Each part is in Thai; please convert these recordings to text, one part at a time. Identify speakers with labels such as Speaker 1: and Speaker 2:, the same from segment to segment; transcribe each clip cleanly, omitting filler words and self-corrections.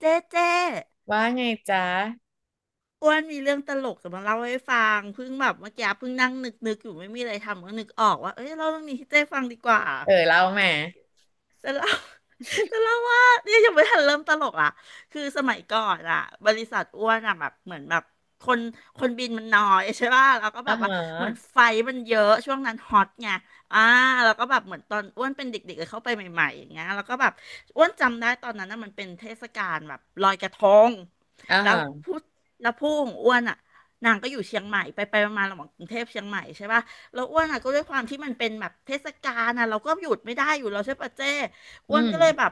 Speaker 1: เจ๊
Speaker 2: ว่าไงจ๊ะ
Speaker 1: อ้วนมีเรื่องตลกจะมาเล่าให้ฟังเพิ่งแบบเมื่อกี้เพิ่งนั่งนึกอยู่ไม่มีอะไรทำก็นึกออกว่าเอ้ยเล่าเรื่องนี้ให้เจ๊ฟังดีกว่า
Speaker 2: เออเล่ามา
Speaker 1: แต่เล่ แตะเลาว่าเนี่ยยังไม่ทันเริ่มตลกอ่ะคือสมัยก่อนอ่ะบริษัทอ้วนอ่ะแบบเหมือนแบบคนคนบินมันน้อยใช่ป่ะแล้วก็แบ
Speaker 2: อ่า
Speaker 1: บว่า
Speaker 2: ฮะ
Speaker 1: เหมือนไฟมันเยอะช่วงนั้นฮอตไงอ่าแล้วก็แบบเหมือนตอนอ้วนเป็นเด็กๆเลยเข้าไปใหม่ๆอย่างเงี้ยแล้วก็แบบอ้วนจำได้ตอนนั้นน่ะมันเป็นเทศกาลแบบลอยกระทง
Speaker 2: อ่า
Speaker 1: แล้ว
Speaker 2: ฮะ
Speaker 1: ผู้แล้วผู้ของอ้วนอ่ะนางก็อยู่เชียงใหม่ไปไปมาๆระหว่างกรุงเทพเชียงใหม่ใช่ป่ะแล้วอ้วนอ่ะก็ด้วยความที่มันเป็นแบบเทศกาลอ่ะเราก็หยุดไม่ได้อยู่แล้วใช่ปะเจ้
Speaker 2: อื
Speaker 1: อ้วนก็เลย
Speaker 2: ม
Speaker 1: แบบ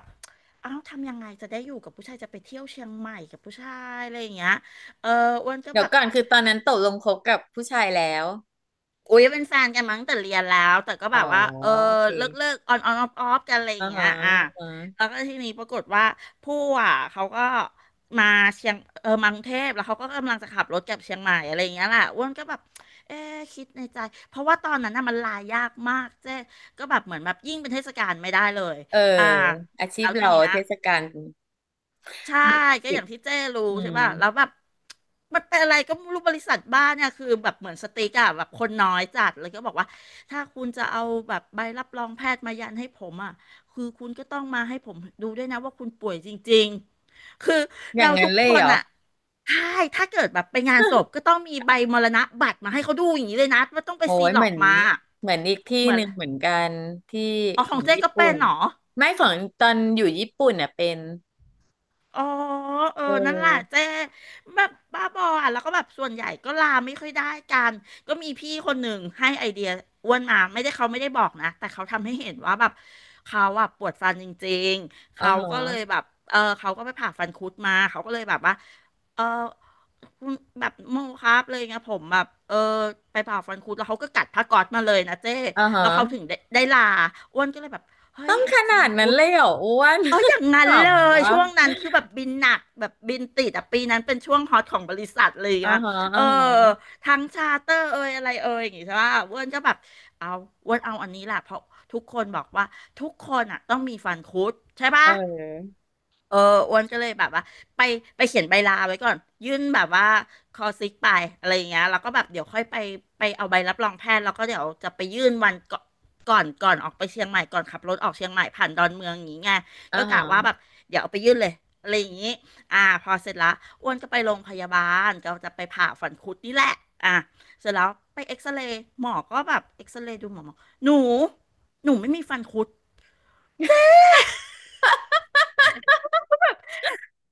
Speaker 1: เอ้าทำยังไงจะได้อยู่กับผู้ชายจะไปเที่ยวเชียงใหม่กับผู้ชายอะไรอย่างเงี้ยเอออ้วนก็
Speaker 2: เดี๋ย
Speaker 1: แบ
Speaker 2: ว
Speaker 1: บ
Speaker 2: ก่อนคือตอนนั้นตกลงคบกับผู้ชายแล้ว
Speaker 1: อุ้ยเป็นแฟนกันมั้งแต่เรียนแล้ว แต่ก็
Speaker 2: อ๋
Speaker 1: แบ
Speaker 2: อ
Speaker 1: บว่าเออ
Speaker 2: โอเค
Speaker 1: เลิกออนออฟกันอะไรอ
Speaker 2: อ่า
Speaker 1: ย่างเงี้
Speaker 2: ฮะ
Speaker 1: ยอ่ะ
Speaker 2: อ่า
Speaker 1: แล้ว
Speaker 2: ฮะ
Speaker 1: ก็ทีนี้ปรากฏว่าผู้อ่ะเขาก็มาเชียงเออมากรุงเทพแล้วเขาก็กำลังจะขับรถกลับเชียงใหม่อะไรอย่างเงี้ยแหละอ้วนก็แบบเอ๊ะคิดในใจเพราะว่าตอนนั้นน่ะมันลายากมากเจ๊ก็แบบเหมือนแบบยิ่งเป็นเทศกาลไม่ได้เลย
Speaker 2: เออ
Speaker 1: อ่า
Speaker 2: อาชี
Speaker 1: แล้
Speaker 2: พ
Speaker 1: วที
Speaker 2: เรา
Speaker 1: เนี้ย
Speaker 2: เทศกาล
Speaker 1: ใช่ก็
Speaker 2: ปิ
Speaker 1: อ
Speaker 2: ด
Speaker 1: ย่างที่เจ้รู้
Speaker 2: อื
Speaker 1: ใช่
Speaker 2: ม
Speaker 1: ป่ะแล้วแบบมันเป็นอะไรก็ไม่รู้บริษัทบ้านเนี่ยคือแบบเหมือนสติ๊กอะแบบคนน้อยจัดเลยก็บอกว่าถ้าคุณจะเอาแบบใบรับรองแพทย์มายันให้ผมอะคือคุณก็ต้องมาให้ผมดูด้วยนะว่าคุณป่วยจริงๆคือ
Speaker 2: อย่า
Speaker 1: เรา
Speaker 2: งนั้
Speaker 1: ทุ
Speaker 2: น
Speaker 1: ก
Speaker 2: เลย
Speaker 1: ค
Speaker 2: เห
Speaker 1: น
Speaker 2: รอ
Speaker 1: อะใช่ถ้าเกิดแบบไปงานศพก็ต้องมีใบมรณะบัตรมาให้เขาดูอย่างนี้เลยนะว่าต้องไป
Speaker 2: โอ้
Speaker 1: ซี
Speaker 2: ย
Speaker 1: หล
Speaker 2: เห
Speaker 1: อ
Speaker 2: มือ
Speaker 1: ก
Speaker 2: น
Speaker 1: มา
Speaker 2: เหมือนอีกที่
Speaker 1: เหมือ
Speaker 2: ห
Speaker 1: น
Speaker 2: นึ่งเหมือนกันที่
Speaker 1: อ๋อ
Speaker 2: ข
Speaker 1: ข
Speaker 2: อ
Speaker 1: อง
Speaker 2: ง
Speaker 1: เจ๊
Speaker 2: ญี่
Speaker 1: ก็
Speaker 2: ปุ่
Speaker 1: เป็น
Speaker 2: น
Speaker 1: เหรอ
Speaker 2: ไม่ของตอนอยู่ญี่ปุ่นเนี่ยเป็น
Speaker 1: อ๋อเออ
Speaker 2: เอ
Speaker 1: นั่นแหละเจ๊
Speaker 2: อ
Speaker 1: แบบบ้าบออ่ะแล้วก็แบบส่วนใหญ่ก็ลาไม่ค่อยได้กันก็มีพี่คนหนึ่งให้ไอเดียอ้วนมาไม่ได้เขาไม่ได้บอกนะแต่เขาทำให้เห็นว่าแบบเขาอ่ะปวดฟันจริงๆ
Speaker 2: อ่า
Speaker 1: เขา
Speaker 2: ฮ
Speaker 1: ก็เลย
Speaker 2: ะ
Speaker 1: แบบเออเขาก็ไปผ่าฟันคุดมาเขาก็เลยแบบว่าเออคุณแบบโมครับเลยไงผมแบบเออไปผ่าฟันคุดแล้วเขาก็กัดผ้าก๊อซมาเลยนะเจ๊
Speaker 2: อ่าฮะ
Speaker 1: แล้วเขาถึงได้ลาอ้วนก็เลยแบบเฮ้
Speaker 2: ต้อ
Speaker 1: ย
Speaker 2: งขนา
Speaker 1: ฟัน
Speaker 2: ดนั้น
Speaker 1: คุด
Speaker 2: เลยเหรออ้วน
Speaker 1: เอออย่าง นั้
Speaker 2: ข
Speaker 1: นเล
Speaker 2: ำ
Speaker 1: ย
Speaker 2: วะ
Speaker 1: ช่วงนั้นคือแบบบินหนักแบบบินติดอ่ะปีนั้นเป็นช่วงฮอตของบริษัทเลยอย่ะ
Speaker 2: อ่า
Speaker 1: เงี้ย
Speaker 2: ฮะ
Speaker 1: เอ
Speaker 2: อ่า
Speaker 1: อ
Speaker 2: ฮะ
Speaker 1: ทั้งชาร์เตอร์เอยอะไรเอยอย่างงี้ใช่ป่ะอรวนก็แบบ เอาอรวนเอาอันนี้แหละเพราะทุกคนบอกว่าทุกคนอ่ะต้องมีฟันคุดใช่
Speaker 2: เ
Speaker 1: ป่ะ
Speaker 2: ออ
Speaker 1: เอออ้วนก็เลยแบบว่าไปไปเขียนใบลาไว้ก่อนยื่นแบบว่าคอซิกไปอะไรอย่างเงี้ยแล้วก็แบบเดี๋ยวค่อยไปเอาใบรับรองแพทย์แล้วก็เดี๋ยวจะไปยื่นวันก่อนออกไปเชียงใหม่ก่อนขับรถออกเชียงใหม่ผ่านดอนเมืองอย่างงี้ไง
Speaker 2: อ่า
Speaker 1: ก็
Speaker 2: ฮะ
Speaker 1: กะว่าแบบเดี๋ยวเอาไปยื่นเลยอะไรอย่างงี้พอเสร็จละอ้วนก็ไปโรงพยาบาลก็จะไปผ่าฝังคุดนี่แหละอ่าเสร็จแล้วไปเอ็กซเรย์หมอก็แบบเอ็กซเรย์ดูหมอหนูหนูไม่มีฟันคุด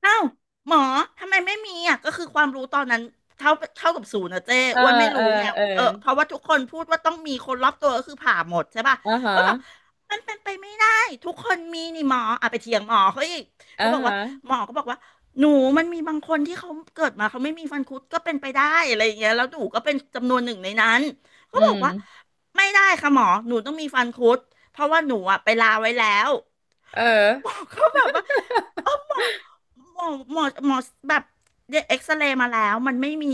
Speaker 1: อ้าวหมอทำไมไม่มีอ่ะก็คือความรู้ตอนนั้นเท่าเท่ากับศูนย์นะเจ้
Speaker 2: เออ
Speaker 1: อ้วนไม่
Speaker 2: เอ
Speaker 1: รู้
Speaker 2: อ
Speaker 1: ไง
Speaker 2: เออ
Speaker 1: เออเพราะว่าทุกคนพูดว่าต้องมีคนรอบตัวก็คือผ่าหมดใช่ป่ะ
Speaker 2: อ่าฮะ
Speaker 1: อ้วนบอกมันเป็นไปไม่ได้ทุกคนมีนี่หมออ่ะไปเถียงหมอเขาอีก
Speaker 2: อ่า
Speaker 1: ก็บอกว่า
Speaker 2: ฮะ
Speaker 1: หมอก็บอกว่าหนูมันมีบางคนที่เขาเกิดมาเขาไม่มีฟันคุดก็เป็นไปได้อะไรอย่างเงี้ยแล้วหนูก็เป็นจำนวนหนึ่งในนั้นก็
Speaker 2: อื
Speaker 1: บอกว่า
Speaker 2: ม
Speaker 1: ไม่ได้ค่ะหมอหนูต้องมีฟันคุดเพราะว่าหนูอ่ะไปลาไว้แล้ว
Speaker 2: เออ
Speaker 1: หมอกเขาแบบว่าเออหมอหมอแบบเอ็กซเรย์มาแล้วมันไม่มี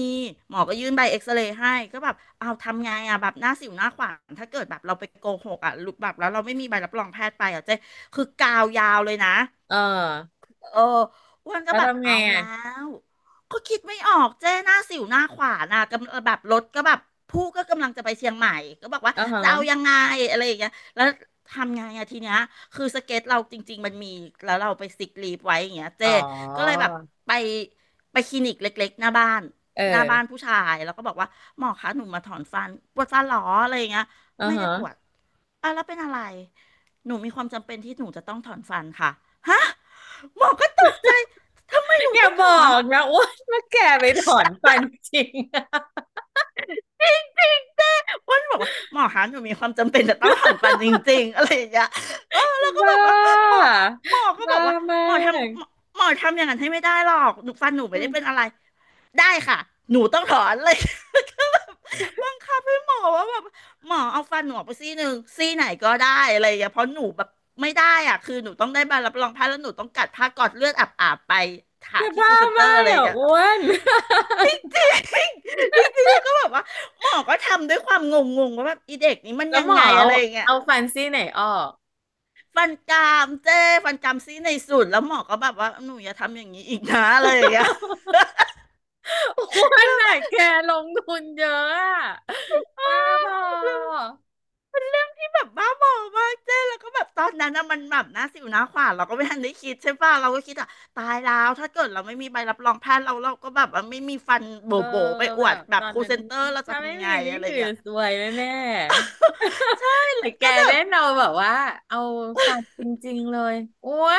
Speaker 1: หมอก็ยื่นใบเอ็กซเรย์ให้ก็แบบเอาทำไงอ่ะแบบหน้าสิวหน้าขวานถ้าเกิดแบบเราไปโกหกอ่ะหรือแบบแล้วเราไม่มีใบรับรองแพทย์ไปอ่ะเจ๊คือกาวยาวเลยนะ
Speaker 2: เออ
Speaker 1: เอออ้วนก็
Speaker 2: แล้ว
Speaker 1: แบบ
Speaker 2: ทำไง
Speaker 1: เอา
Speaker 2: อ่ะ
Speaker 1: แล้วก็คิดไม่ออกเจ้หน้าสิวหน้าขวานอ่ะกำลังแบบรถก็แบบผู้ก็กำลังจะไปเชียงใหม่ก็บอกว่า
Speaker 2: อ่าฮะ
Speaker 1: จะเอายังไงอะไรอย่างเงี้ยแล้วทำไงอะทีเนี้ยคือสเก็ตเราจริงๆมันมีแล้วเราไปซิกลีฟไว้อย่างเงี้ยเจ้
Speaker 2: อ๋อ
Speaker 1: ก็เลยแบบไปไปคลินิกเล็กๆหน้าบ้าน
Speaker 2: เอ
Speaker 1: หน้า
Speaker 2: อ
Speaker 1: บ้านผู้ชายแล้วก็บอกว่าหมอคะหนูมาถอนฟันปวดฟันเหรออะไรอย่างเงี้ย
Speaker 2: อ่า
Speaker 1: ไม่ได้
Speaker 2: ฮะ
Speaker 1: ปวดอ่ะแล้วเป็นอะไรหนูมีความจำเป็นที่หนูจะต้องถอนฟันค่ะฮะ หมอก็ตกใจทำไมหนู
Speaker 2: อย่า
Speaker 1: ต้อง
Speaker 2: บ
Speaker 1: ถ
Speaker 2: อ
Speaker 1: อน
Speaker 2: กนะอ้วนมาแก่ไปถอนฟันจริง
Speaker 1: จริงจริงเจ้วันบอกว่าหมอคะหนูมีความจำเป็นจะต้องถอนฟันจริงๆอะไรอย่างเงี้ยแล้ว ก็
Speaker 2: บ้
Speaker 1: แบบว่าหม
Speaker 2: า
Speaker 1: อหมอก็บ
Speaker 2: บ้า
Speaker 1: อกว่า
Speaker 2: มา
Speaker 1: หมอ
Speaker 2: ก
Speaker 1: ทำหมอหมอทำอย่างนั้นให้ไม่ได้หรอกหนูฟันหนูไม่
Speaker 2: อื
Speaker 1: ได้เป็น
Speaker 2: ม
Speaker 1: อะไรได้ค่ะหนูต้องถอนเลย ก็แบบบังคับให้หมอว่าแบบหมอเอาฟันหนูออกไปซี่หนึ่งซี่ไหนก็ได้อะไรอย่างเงี้ยเพราะหนูแบบไม่ได้อ่ะคือหนูต้องได้ใบรับรองแพทย์แล้วหนูต้องกัดผ้ากอดเลือดอาบๆไป
Speaker 2: แก
Speaker 1: หาที่ครู
Speaker 2: บ้า
Speaker 1: เซ็นเตอ
Speaker 2: มา
Speaker 1: ร์อะ
Speaker 2: ก
Speaker 1: ไรอย่า
Speaker 2: อ่ะ
Speaker 1: งเงี้ย
Speaker 2: อ้วน
Speaker 1: จริง จริงจริงจริงๆแล้วก็แบบว่าหมอก็ทำด้วยความงงงว่าแบบอีเด็กนี้มัน
Speaker 2: แล้ว
Speaker 1: ยัง
Speaker 2: หมอ
Speaker 1: ไง
Speaker 2: เอา
Speaker 1: อะไรอย่างเงี้ย
Speaker 2: เอาฟันซี่ไหนออก
Speaker 1: ฟันกรามเจ้ฟันกรามซี่ในสุดแล้วหมอก็แบบว่าหนูอย่าทำอย่างนี้อีกนะอะไรอย่างเงี้ย
Speaker 2: วันไหนแกลงทุนเยอะอะ
Speaker 1: เ
Speaker 2: บ้าพ
Speaker 1: ออ
Speaker 2: อ
Speaker 1: เป็นเรื่องที่แบบบ้าบอมากเจ้แล้วก็แบบตอนนั้นนะมันแบบหน้าสิวหน้าขวานเราก็ไม่ทันได้คิดใช่ป่ะเราก็คิดอ่ะตายแล้วถ้าเกิดเราไม่มีใบรับรองแพทย์เราก็แบบว่าไม่มีฟันโ
Speaker 2: เออ
Speaker 1: บ๋ๆไปอ
Speaker 2: แบ
Speaker 1: วด
Speaker 2: บ
Speaker 1: แบ
Speaker 2: ต
Speaker 1: บ
Speaker 2: อ
Speaker 1: ค
Speaker 2: น
Speaker 1: รู
Speaker 2: นั้น
Speaker 1: เซนเตอร์เราจะ
Speaker 2: ถ้าไม่
Speaker 1: ทำยังไง
Speaker 2: มีนี่
Speaker 1: อะไรอ
Speaker 2: คื
Speaker 1: ย่า
Speaker 2: อ
Speaker 1: งเงี้ย
Speaker 2: สวยแน่
Speaker 1: ใช่
Speaker 2: ๆแต่แก
Speaker 1: ก็แบ
Speaker 2: เล่
Speaker 1: บ
Speaker 2: นเอาแบบว่าเอาฟันจริงๆเลยโอ้ย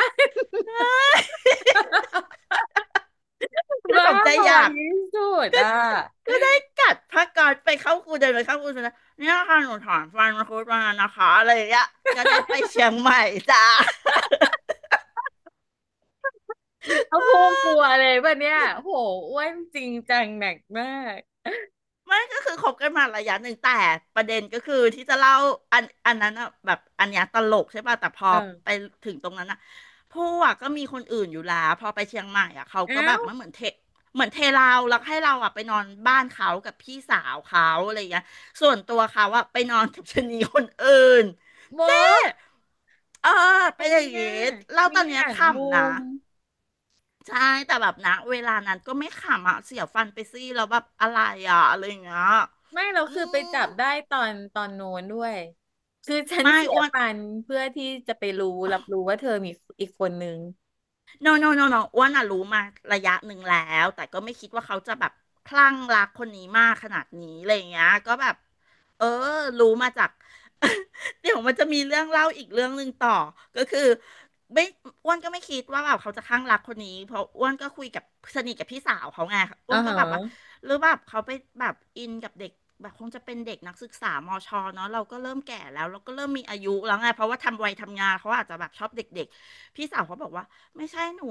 Speaker 1: คือ
Speaker 2: บ้า
Speaker 1: สมใจ
Speaker 2: พอ
Speaker 1: อยาก
Speaker 2: ที่สุด
Speaker 1: ก็
Speaker 2: อ่ะ
Speaker 1: ก็ได้กัดผ้าก๊อซไปเข้าครูเดินไปเข้าครูสุดจแ้เนี่ยค่ะหนูถอนฟันมังคุดมานะคะอะไรอย่างเงี้ยก็ได้ไปเชียงใหม่จ้า
Speaker 2: เขาพูดกลัว เลยป่ะเนี่ยโหอ้วนจริงจังหนักมาก
Speaker 1: ไม่ก็คือคบกันมาระยะหนึ่งแต่ประเด็นก็คือที่จะเล่าอันนั้นอะแบบอันเนี้ยตลกใช่ป่ะแต่พอ
Speaker 2: เอ
Speaker 1: ไป
Speaker 2: อ
Speaker 1: ถึงตรงนั้นอะพอะก็มีคนอื่นอยู่แล้วพอไปเชียงใหม่อะเขาก็
Speaker 2: เอ้า
Speaker 1: แบบ
Speaker 2: ว
Speaker 1: มันเหมือนเทเราแล้วให้เราอะไปนอนบ้านเขากับพี่สาวเขาอะไรอย่างเงี้ยส่วนตัวเขาอะไปนอนกับชะนีคนอื่น
Speaker 2: โบ
Speaker 1: เออ
Speaker 2: อะไร
Speaker 1: เป็นอย่าง
Speaker 2: เนี่ย
Speaker 1: งี้เล่า
Speaker 2: มี
Speaker 1: ตอนเนี้ย
Speaker 2: หา
Speaker 1: ข
Speaker 2: งมุ
Speaker 1: ำนะ
Speaker 2: ม
Speaker 1: ใช่แต่แบบนะเวลานั้นก็ไม่ขำอ่ะเสียฟันไปซี่แล้วแบบอะไรอ่ะอะไรอย่างเงี้ย
Speaker 2: ไม่เรา
Speaker 1: อื
Speaker 2: คือไป
Speaker 1: ม
Speaker 2: จับได้ตอนตอนโน้นด้วยคือฉัน
Speaker 1: ไม่
Speaker 2: เสีย
Speaker 1: อ้วน
Speaker 2: ฟันเพื่อที่จะไปรู้รับรู้ว่าเธอมีอีกคนนึง
Speaker 1: โนโนโนโนอ้วนอะรู้มาระยะหนึ่งแล้วแต่ก็ไม่คิดว่าเขาจะแบบคลั่งรักคนนี้มากขนาดนี้อะไรอย่างเงี้ยก็แบบเออรู้มาจาก เดี๋ยวมันจะมีเรื่องเล่าอีกเรื่องหนึ่งต่อ ก็คือไม่อ้วนก็ไม่คิดว่าแบบเขาจะคลั่งรักคนนี้เพราะอ้วนก็คุยกับสนิทกับพี่สาวเขาไงอ้
Speaker 2: อ่า
Speaker 1: วนก็
Speaker 2: ฮะ
Speaker 1: แบบว่าหรือแบบเขาไปแบบอินกับเด็กแบบคงจะเป็นเด็กนักศึกษามชเนาะเราก็เริ่มแก่แล้วเราก็เริ่มมีอายุแล้วไงเพราะว่าทำวัยทำงานเขาอาจจะแบบชอบเด็กๆพี่สาวเขาบอกว่า ไม่ใช่หนู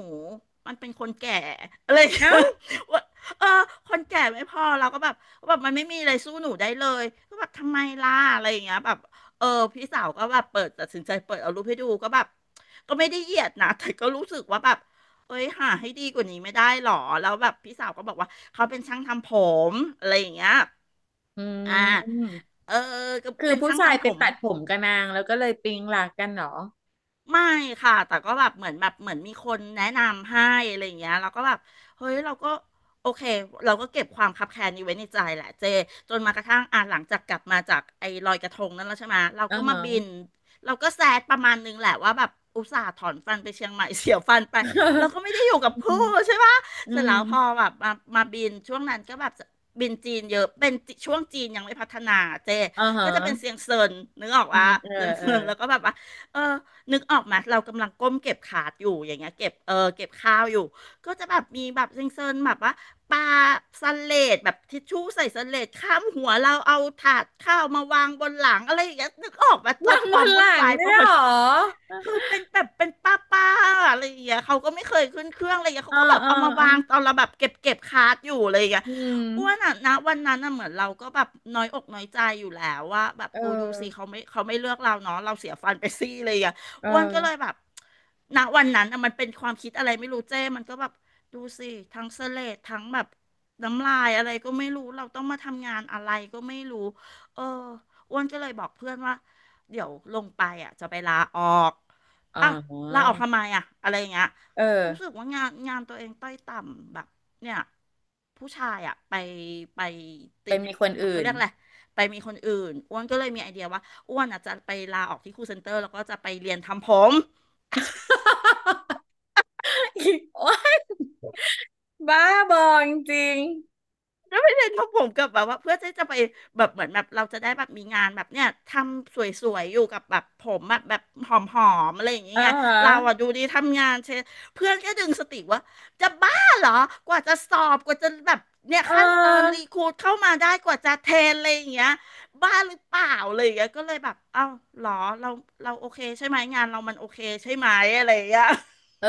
Speaker 1: มันเป็นคนแก่อะไรอย่าง
Speaker 2: เอ้า
Speaker 1: เงี้ย ว่าเออคนแก่ไม่พอเราก็แบบแบบมันไม่มีอะไรสู้หนูได้เลยก็แบบทำไมล่ะอะไรอย่างเงี้ยแบบเออพี่สาวก็แบบเปิดตัดสินใจเปิดเอารูปให้ดูก็แบบก็ไม่ได้เหยียดนะ แต่ก็รู้สึกว่าแบบเอ้ยหาให้ดีกว่านี้ไม่ได้หรอแล้วแบบพี่สาวก็บอกว่าเขาเป็นช่างทำผมอะไรอย่างเงี้ย
Speaker 2: อื
Speaker 1: อ่า
Speaker 2: ม
Speaker 1: เออก็
Speaker 2: คือ
Speaker 1: เป็น
Speaker 2: ผู้
Speaker 1: ช่าง
Speaker 2: ชาย
Speaker 1: ทำ
Speaker 2: ไป
Speaker 1: ผม
Speaker 2: ตัดผมกับนางแล้วก็เลยปิ๊งหลักกันเหรอ
Speaker 1: ไม่ค่ะแต่ก็แบบเหมือนมีคนแนะนำให้อะไรอย่างเงี้ยเราก็แบบเฮ้ยเราก็โอเคเราก็เก็บความคับแค้นนี้ไว้ในใจแหละเจจนมากระทั่งอ่ะหลังจากกลับมาจากไอ้ลอยกระทงนั่นแล้วใช่ไหมเรา
Speaker 2: อ่า
Speaker 1: ก็มา
Speaker 2: ฮะ
Speaker 1: บินเราก็แซดประมาณนึงแหละว่าแบบอุตส่าห์ถอนฟันไปเชียงใหม่ เสียฟันไปเรา ก็ไม่ได้อยู่กับ
Speaker 2: อืม
Speaker 1: ผู้ใช่ปะ
Speaker 2: อื
Speaker 1: เสร็จแล้
Speaker 2: ม
Speaker 1: วพอแบบมาบินช่วงนั้นก็แบบบินจีนเยอะเป็นช่วงจีนยังไม่พัฒนาเจ
Speaker 2: อ่าฮะ
Speaker 1: ก็จะเป็นเซียงเซินนึกออก
Speaker 2: อื
Speaker 1: ว่า
Speaker 2: มเออ
Speaker 1: เซียง
Speaker 2: เออ
Speaker 1: เซินแล้วก็แบบว่าเออ นึกออกไหมาเรากำลังก้มเก็บขาดอยู่อย่างเงี้ยเก็บเก็บข้าวอยู่ก็จะแบบมีแบบเซ็งๆแบบว่าปาสเลดแบบทิชชู่ใส่สเลดข้ามหัวเราเอาถาดข้าวมาวางบนหลังอะไรอย่างเงี้ยนึกออกมาจ
Speaker 2: นา
Speaker 1: บ
Speaker 2: ง
Speaker 1: ค
Speaker 2: บ
Speaker 1: วาม
Speaker 2: นห
Speaker 1: วุ่น
Speaker 2: ลัง
Speaker 1: วายป
Speaker 2: เนี่ย
Speaker 1: ระ
Speaker 2: เหร
Speaker 1: มาณ
Speaker 2: อ
Speaker 1: คือเป็นแบบเป็นป้าป้าอะไรอย่างเงี้ยเขาก็ไม่เคยขึ้นเครื่องอะไรอย่างเงี้ยเขา
Speaker 2: อ่า
Speaker 1: ก็แบบ
Speaker 2: อ่า
Speaker 1: เอามา
Speaker 2: อ่า
Speaker 1: วางตอนเราแบบเก็บคาร์ดอยู่อะไรอย่างเงี้ย
Speaker 2: อืม
Speaker 1: อ้วนอ่ะนะวันนั้นน่ะเหมือนเราก็แบบน้อยอกน้อยใจอยู่แล้วว่าแบบ
Speaker 2: เออ
Speaker 1: อูดูสิเขาไม่เลือกเราเนาะเราเสียฟันไปซี่เลยอ่ะ
Speaker 2: เอ
Speaker 1: อ้วนก็เลย
Speaker 2: อ
Speaker 1: แบบณวันนั้นอะมันเป็นความคิดอะไรไม่รู้เจ้มันก็แบบดูสิทั้งเสลดทั้งแบบน้ำลายอะไรก็ไม่รู้เราต้องมาทำงานอะไรก็ไม่รู้เอออ้วนก็เลยบอกเพื่อนว่าเดี๋ยวลงไปอ่ะจะไปลาออก
Speaker 2: อ๋
Speaker 1: อ่ะลาอ
Speaker 2: อ
Speaker 1: อกทำไมอ่ะอะไรอย่างเงี้ย
Speaker 2: เออ
Speaker 1: รู้สึกว่างานตัวเองต้อยต่ำแบบเนี่ยผู้ชายอ่ะไปติ
Speaker 2: เป็น
Speaker 1: ด
Speaker 2: มีคนอื่
Speaker 1: เขา
Speaker 2: น
Speaker 1: เรียกอะไรไปมีคนอื่นอ้วนก็เลยมีไอเดียว่า อ้วนอ่ะจะไปลาออกที่ครูเซ็นเตอร์แล้วก็จะไปเรียนทำผม
Speaker 2: อีกโอ๊ย บ้าบอจริง
Speaker 1: แล้วไปเรียนทำผมกับแบบว่าเพื่อที่จะไปแบบเหมือนแบบเราจะได้แบบมีงานแบบเนี้ยทำสวยๆอยู่กับแบบผมแบบหอมๆอะไรอย่าง
Speaker 2: ๆ
Speaker 1: เงี้
Speaker 2: อ่า
Speaker 1: ย
Speaker 2: ฮะ
Speaker 1: เราอ่ะดูดีทำงานเชยเพื่อนก็ดึงสติว่าจะบ้าเหรอกว่าจะสอบกว่าจะแบบเนี่ย
Speaker 2: เ
Speaker 1: ขั้นตอน
Speaker 2: ออ
Speaker 1: รีครูทเข้ามาได้กว่าจะเทรนอะไรอย่างเงี้ยบ้าหรือเปล่าอะไรอย่างเงี้ยก็เลยแบบเอ้าเหรอเราเราโอเคใช่ไหมงานเรามันโอเคใช่ไหมอะไรอย่างเงี้ย
Speaker 2: เออ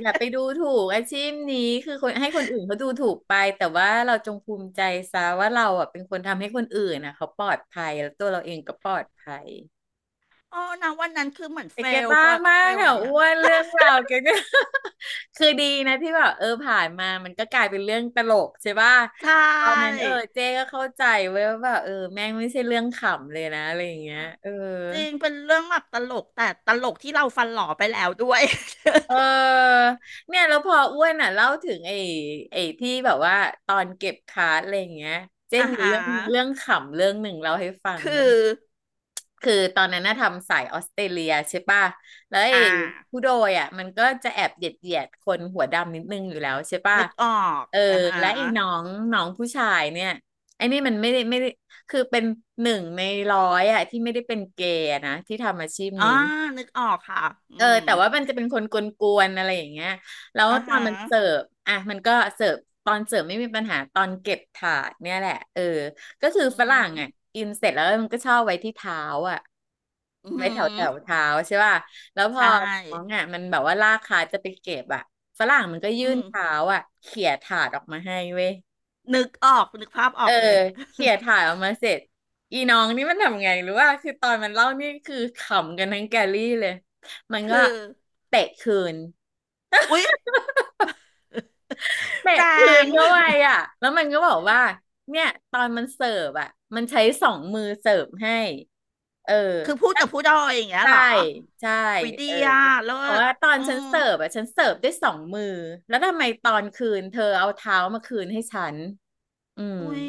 Speaker 2: อย่าไปดูถูกอาชีพนี้คือคนให้คนอื่นเขาดูถูกไปแต่ว่าเราจงภูมิใจซะว่าเราอ่ะเป็นคนทำให้คนอื่นนะเขาปลอดภัยแล้วตัวเราเองก็ปลอดภัย
Speaker 1: อ๋อนะวันนั้นคือเหมือน
Speaker 2: แต่แก
Speaker 1: ล
Speaker 2: บ้ามา
Speaker 1: เฟ
Speaker 2: ก
Speaker 1: ลอะไร
Speaker 2: อ่ะ
Speaker 1: อ
Speaker 2: อ้
Speaker 1: ย่าง
Speaker 2: วนเรื่องราวแกก็ คือดีนะที่แบบเออผ่านมามันก็กลายเป็นเรื่องตลกใช่ป่ะ
Speaker 1: ใช
Speaker 2: แต่ตอนนั้น
Speaker 1: ่
Speaker 2: เออเจ๊ก็เข้าใจเว้ยว่าแบบเออแม่งไม่ใช่เรื่องขำเลยนะอะไรอย่างเงี้ยเออ
Speaker 1: จริงเป็นเรื่องแบบตลก แต่ ตลกที่เราฟันหล่อไปแล้ว ด้วย
Speaker 2: เออเนี่ยแล้วพออ้วนอ่ะเล่าถึงไอ้ที่แบบว่าตอนเก็บคาร์ดอะไรอย่างเงี้ยเจ๊
Speaker 1: อ่า
Speaker 2: มี
Speaker 1: ฮะ
Speaker 2: เรื่องเรื่องขำเรื่องหนึ่งเล่าให้ฟัง
Speaker 1: คื
Speaker 2: ไหม
Speaker 1: อ
Speaker 2: คือตอนนั้นน่ะทำสายออสเตรเลียใช่ป่ะแล้วไอ้
Speaker 1: อ่า
Speaker 2: ผู้โดยอ่ะมันก็จะแอบเหยียดเหยียดคนหัวดำนิดนึงอยู่แล้วใช่ป่ะ
Speaker 1: นึกออก
Speaker 2: เออ
Speaker 1: อ่า
Speaker 2: และไอ้
Speaker 1: ฮะ
Speaker 2: น้องน้องผู้ชายเนี่ยไอ้นี่มันไม่ได้ไม่ได้คือเป็นหนึ่งในร้อยอ่ะที่ไม่ได้เป็นเกย์อะนะที่ทำอาชีพ
Speaker 1: อ่า
Speaker 2: นี้
Speaker 1: นึกออกค่ะอื
Speaker 2: เออ
Speaker 1: ม
Speaker 2: แต่ว่ามันจะเป็นคนกวนๆอะไรอย่างเงี้ยแล้ว
Speaker 1: อ่า
Speaker 2: ตอน
Speaker 1: ฮะ
Speaker 2: มันเสิร์ฟอ่ะมันก็เสิร์ฟตอนเสิร์ฟไม่มีปัญหาตอนเก็บถาดเนี่ยแหละเออก็คือ
Speaker 1: อื
Speaker 2: ฝรั่
Speaker 1: ม
Speaker 2: งอ่ะกินเสร็จแล้วมันก็ชอบไว้ที่เท้าอ่ะ
Speaker 1: อื
Speaker 2: ไว้แถวแถ
Speaker 1: ม
Speaker 2: วเท้าใช่ป่ะแล้วพอ
Speaker 1: ใช่
Speaker 2: น้องอ่ะมันแบบว่าลากขาจะไปเก็บอ่ะฝรั่งมันก็ยื่
Speaker 1: อื
Speaker 2: น
Speaker 1: ม
Speaker 2: เท้าอ่ะเขี่ยถาดออกมาให้เว้ย
Speaker 1: นึกออก นึกภาพอ
Speaker 2: เอ
Speaker 1: อ
Speaker 2: อ
Speaker 1: ก เลย
Speaker 2: เขี่ยถ่ายออกมาเสร็จอีน้องนี่มันทำไงหรือว่าคือตอนมันเล่านี่คือขำกันทั้งแกลลี่เลยมัน ก็
Speaker 1: คือ
Speaker 2: เตะคืน
Speaker 1: อุ๊ย
Speaker 2: เตะ
Speaker 1: แร
Speaker 2: คื
Speaker 1: ง
Speaker 2: นเข้าไป อ่ะแล้วมันก็บอกว่าเนี่ยตอนมันเสิร์ฟอ่ะมันใช้สองมือเสิร์ฟให้เออ
Speaker 1: คือพูดกับผู้ดอยอย่างเงี้ย
Speaker 2: ใช่
Speaker 1: เหรอ
Speaker 2: ใช่
Speaker 1: อุ๊ยดี
Speaker 2: เออ
Speaker 1: อ่ะเลิ
Speaker 2: เพราะ
Speaker 1: ศ
Speaker 2: ว่าตอน
Speaker 1: อื
Speaker 2: ฉัน
Speaker 1: อ
Speaker 2: เสิร์ฟอ่ะฉันเสิร์ฟด้วยสองมือแล้วทำไมตอนคืนเธอเอาเท้ามาคืนให้ฉันอืม
Speaker 1: อุ้ย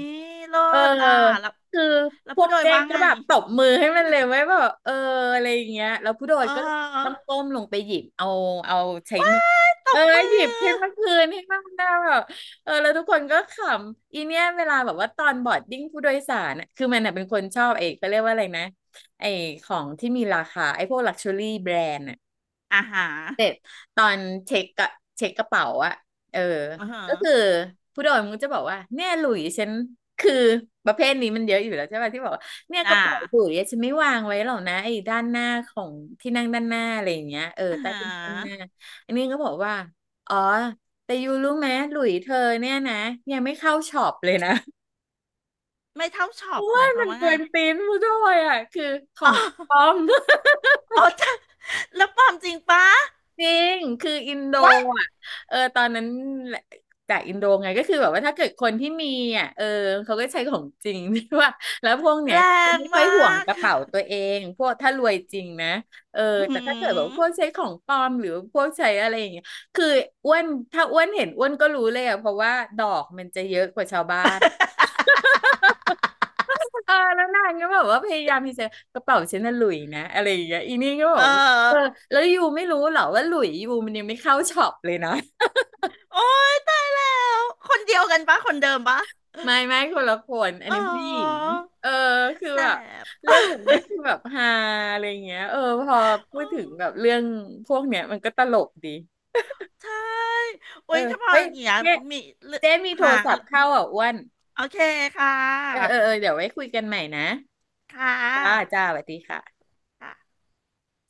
Speaker 1: เลิ
Speaker 2: เออ
Speaker 1: ศอ่ะแล้ว
Speaker 2: คือพว
Speaker 1: ผู้
Speaker 2: ก
Speaker 1: โดย
Speaker 2: เจ๊
Speaker 1: ว่า
Speaker 2: ก็
Speaker 1: ไง
Speaker 2: แบบตบมือให้มันเลยไว้แบบเอออะไรอย่างเงี้ยแล้วผู้โด
Speaker 1: เ
Speaker 2: ยก็ต้อง
Speaker 1: ออ
Speaker 2: ก้มลงไปหยิบเอาเอาใช้
Speaker 1: ว้า
Speaker 2: มือ
Speaker 1: ยต
Speaker 2: เออ
Speaker 1: บมื
Speaker 2: หยิบ
Speaker 1: อ
Speaker 2: ขึ้นมาคืนให้มันได้แบบเออแล้วทุกคนก็ขำอีเนี่ยเวลาแบบว่าตอนบอร์ดดิ้งผู้โดยสารน่ะคือมันน่ะเป็นคนชอบไอ้เขาเรียกว่าอะไรนะไอ้ของที่มีราคาไอ้พวกลักชัวรี่แบรนด์
Speaker 1: อ่าฮะ
Speaker 2: ตอนเช็คกะเช็คกระเป๋าอะเออ
Speaker 1: อาฮะ
Speaker 2: ก็คือผู้โดยมันก็จะบอกว่าเนี่ยหลุยฉันคือประเภทนี้มันเยอะอยู่แล้วใช่ป่ะที่บอกว่าเนี่ยก
Speaker 1: อ่า
Speaker 2: ระเป๋าหลุยอะฉันไม่วางไว้หรอกนะไอ้ด้านหน้าของที่นั่งด้านหน้าอะไรอย่างเงี้ยเออ
Speaker 1: อ่า
Speaker 2: ใต้
Speaker 1: ฮะ
Speaker 2: ที่นั่งด้านหน้าอันนี้ก็บอกว่าอ๋อแต่ยูรู้ไหมหลุยเธอเนี่ยนะยังไม่เข้าช็อปเลยนะ
Speaker 1: ไม่เท่าช็อปหมาย ควา
Speaker 2: มั
Speaker 1: ม
Speaker 2: น
Speaker 1: ว่า
Speaker 2: เกิ
Speaker 1: ไง
Speaker 2: นตีนผู้โดยอ่ะคือขอ
Speaker 1: อ๋
Speaker 2: งปลอ
Speaker 1: อ
Speaker 2: ม
Speaker 1: อ๋อ จ้ะแล้วความจริงปะ
Speaker 2: จริง คืออินโด
Speaker 1: ว้าย
Speaker 2: อ่ะเออตอนนั้นจากอินโดไงก็คือแบบว่าถ้าเกิดคนที่มีอ่ะเออเขาก็ใช้ของจริง ที่ว่าแล้วพวกเนี้
Speaker 1: แร
Speaker 2: ย
Speaker 1: ง
Speaker 2: ไม่ค่อย
Speaker 1: มา
Speaker 2: ห่วง
Speaker 1: ก
Speaker 2: กระเป๋าตัวเองพวกถ้ารวยจริงนะเออ
Speaker 1: อื
Speaker 2: แต่ถ้าเกิดแบบ
Speaker 1: ม
Speaker 2: พวกใช้ของปลอมหรือพวกใช้อะไรอย่างเงี้ยคืออ้วนถ้าอ้วนเห็นอ้วนก็รู้เลยอ่ะ เพราะว่าดอกมันจะเยอะกว่าชาวบ้าน เออแล้วนางก็แบบว่าพยายามที่จะกระเป๋าฉันน่ะหลุยนะอะไรอย่างเงี้ยอีนี่ก็บ
Speaker 1: เอ
Speaker 2: อกว่าเออ
Speaker 1: อ
Speaker 2: แล้วยูไม่รู้เหรอว่าหลุยยูมันยังไม่เข้าช็อปเลยนะ
Speaker 1: โอ้ยตายแล้วคนเดียวกันปะคนเดิมปะ
Speaker 2: ไม่ไม่คนละคนอัน
Speaker 1: อ๋
Speaker 2: นี้ผู้หญิง
Speaker 1: อ
Speaker 2: เออคือ
Speaker 1: แส
Speaker 2: แบบ
Speaker 1: บ
Speaker 2: เรื่องแบบเนี้ยคือแบบฮาอะไรเงี้ยเออพอพูด
Speaker 1: โอ้
Speaker 2: ถึงแบบเรื่องพวกเนี้ยมันก็ตลกดี
Speaker 1: ใช่
Speaker 2: เอ
Speaker 1: โอ้
Speaker 2: อ
Speaker 1: ยถ้าพอ
Speaker 2: เฮ้
Speaker 1: อ
Speaker 2: ย
Speaker 1: ย่างเงี้ย
Speaker 2: เจ๊
Speaker 1: มีเรื่อง
Speaker 2: เจ๊มีโท
Speaker 1: หา
Speaker 2: รศัพท์เข้าอ่ะอ้วน
Speaker 1: โอเคค่
Speaker 2: เออเอ
Speaker 1: ะ
Speaker 2: อเออเดี๋ยวไว้คุยกันใหม่นะ
Speaker 1: ค่
Speaker 2: จ้า
Speaker 1: ะ
Speaker 2: จ้าสวัสดีค่ะ
Speaker 1: ค่ะ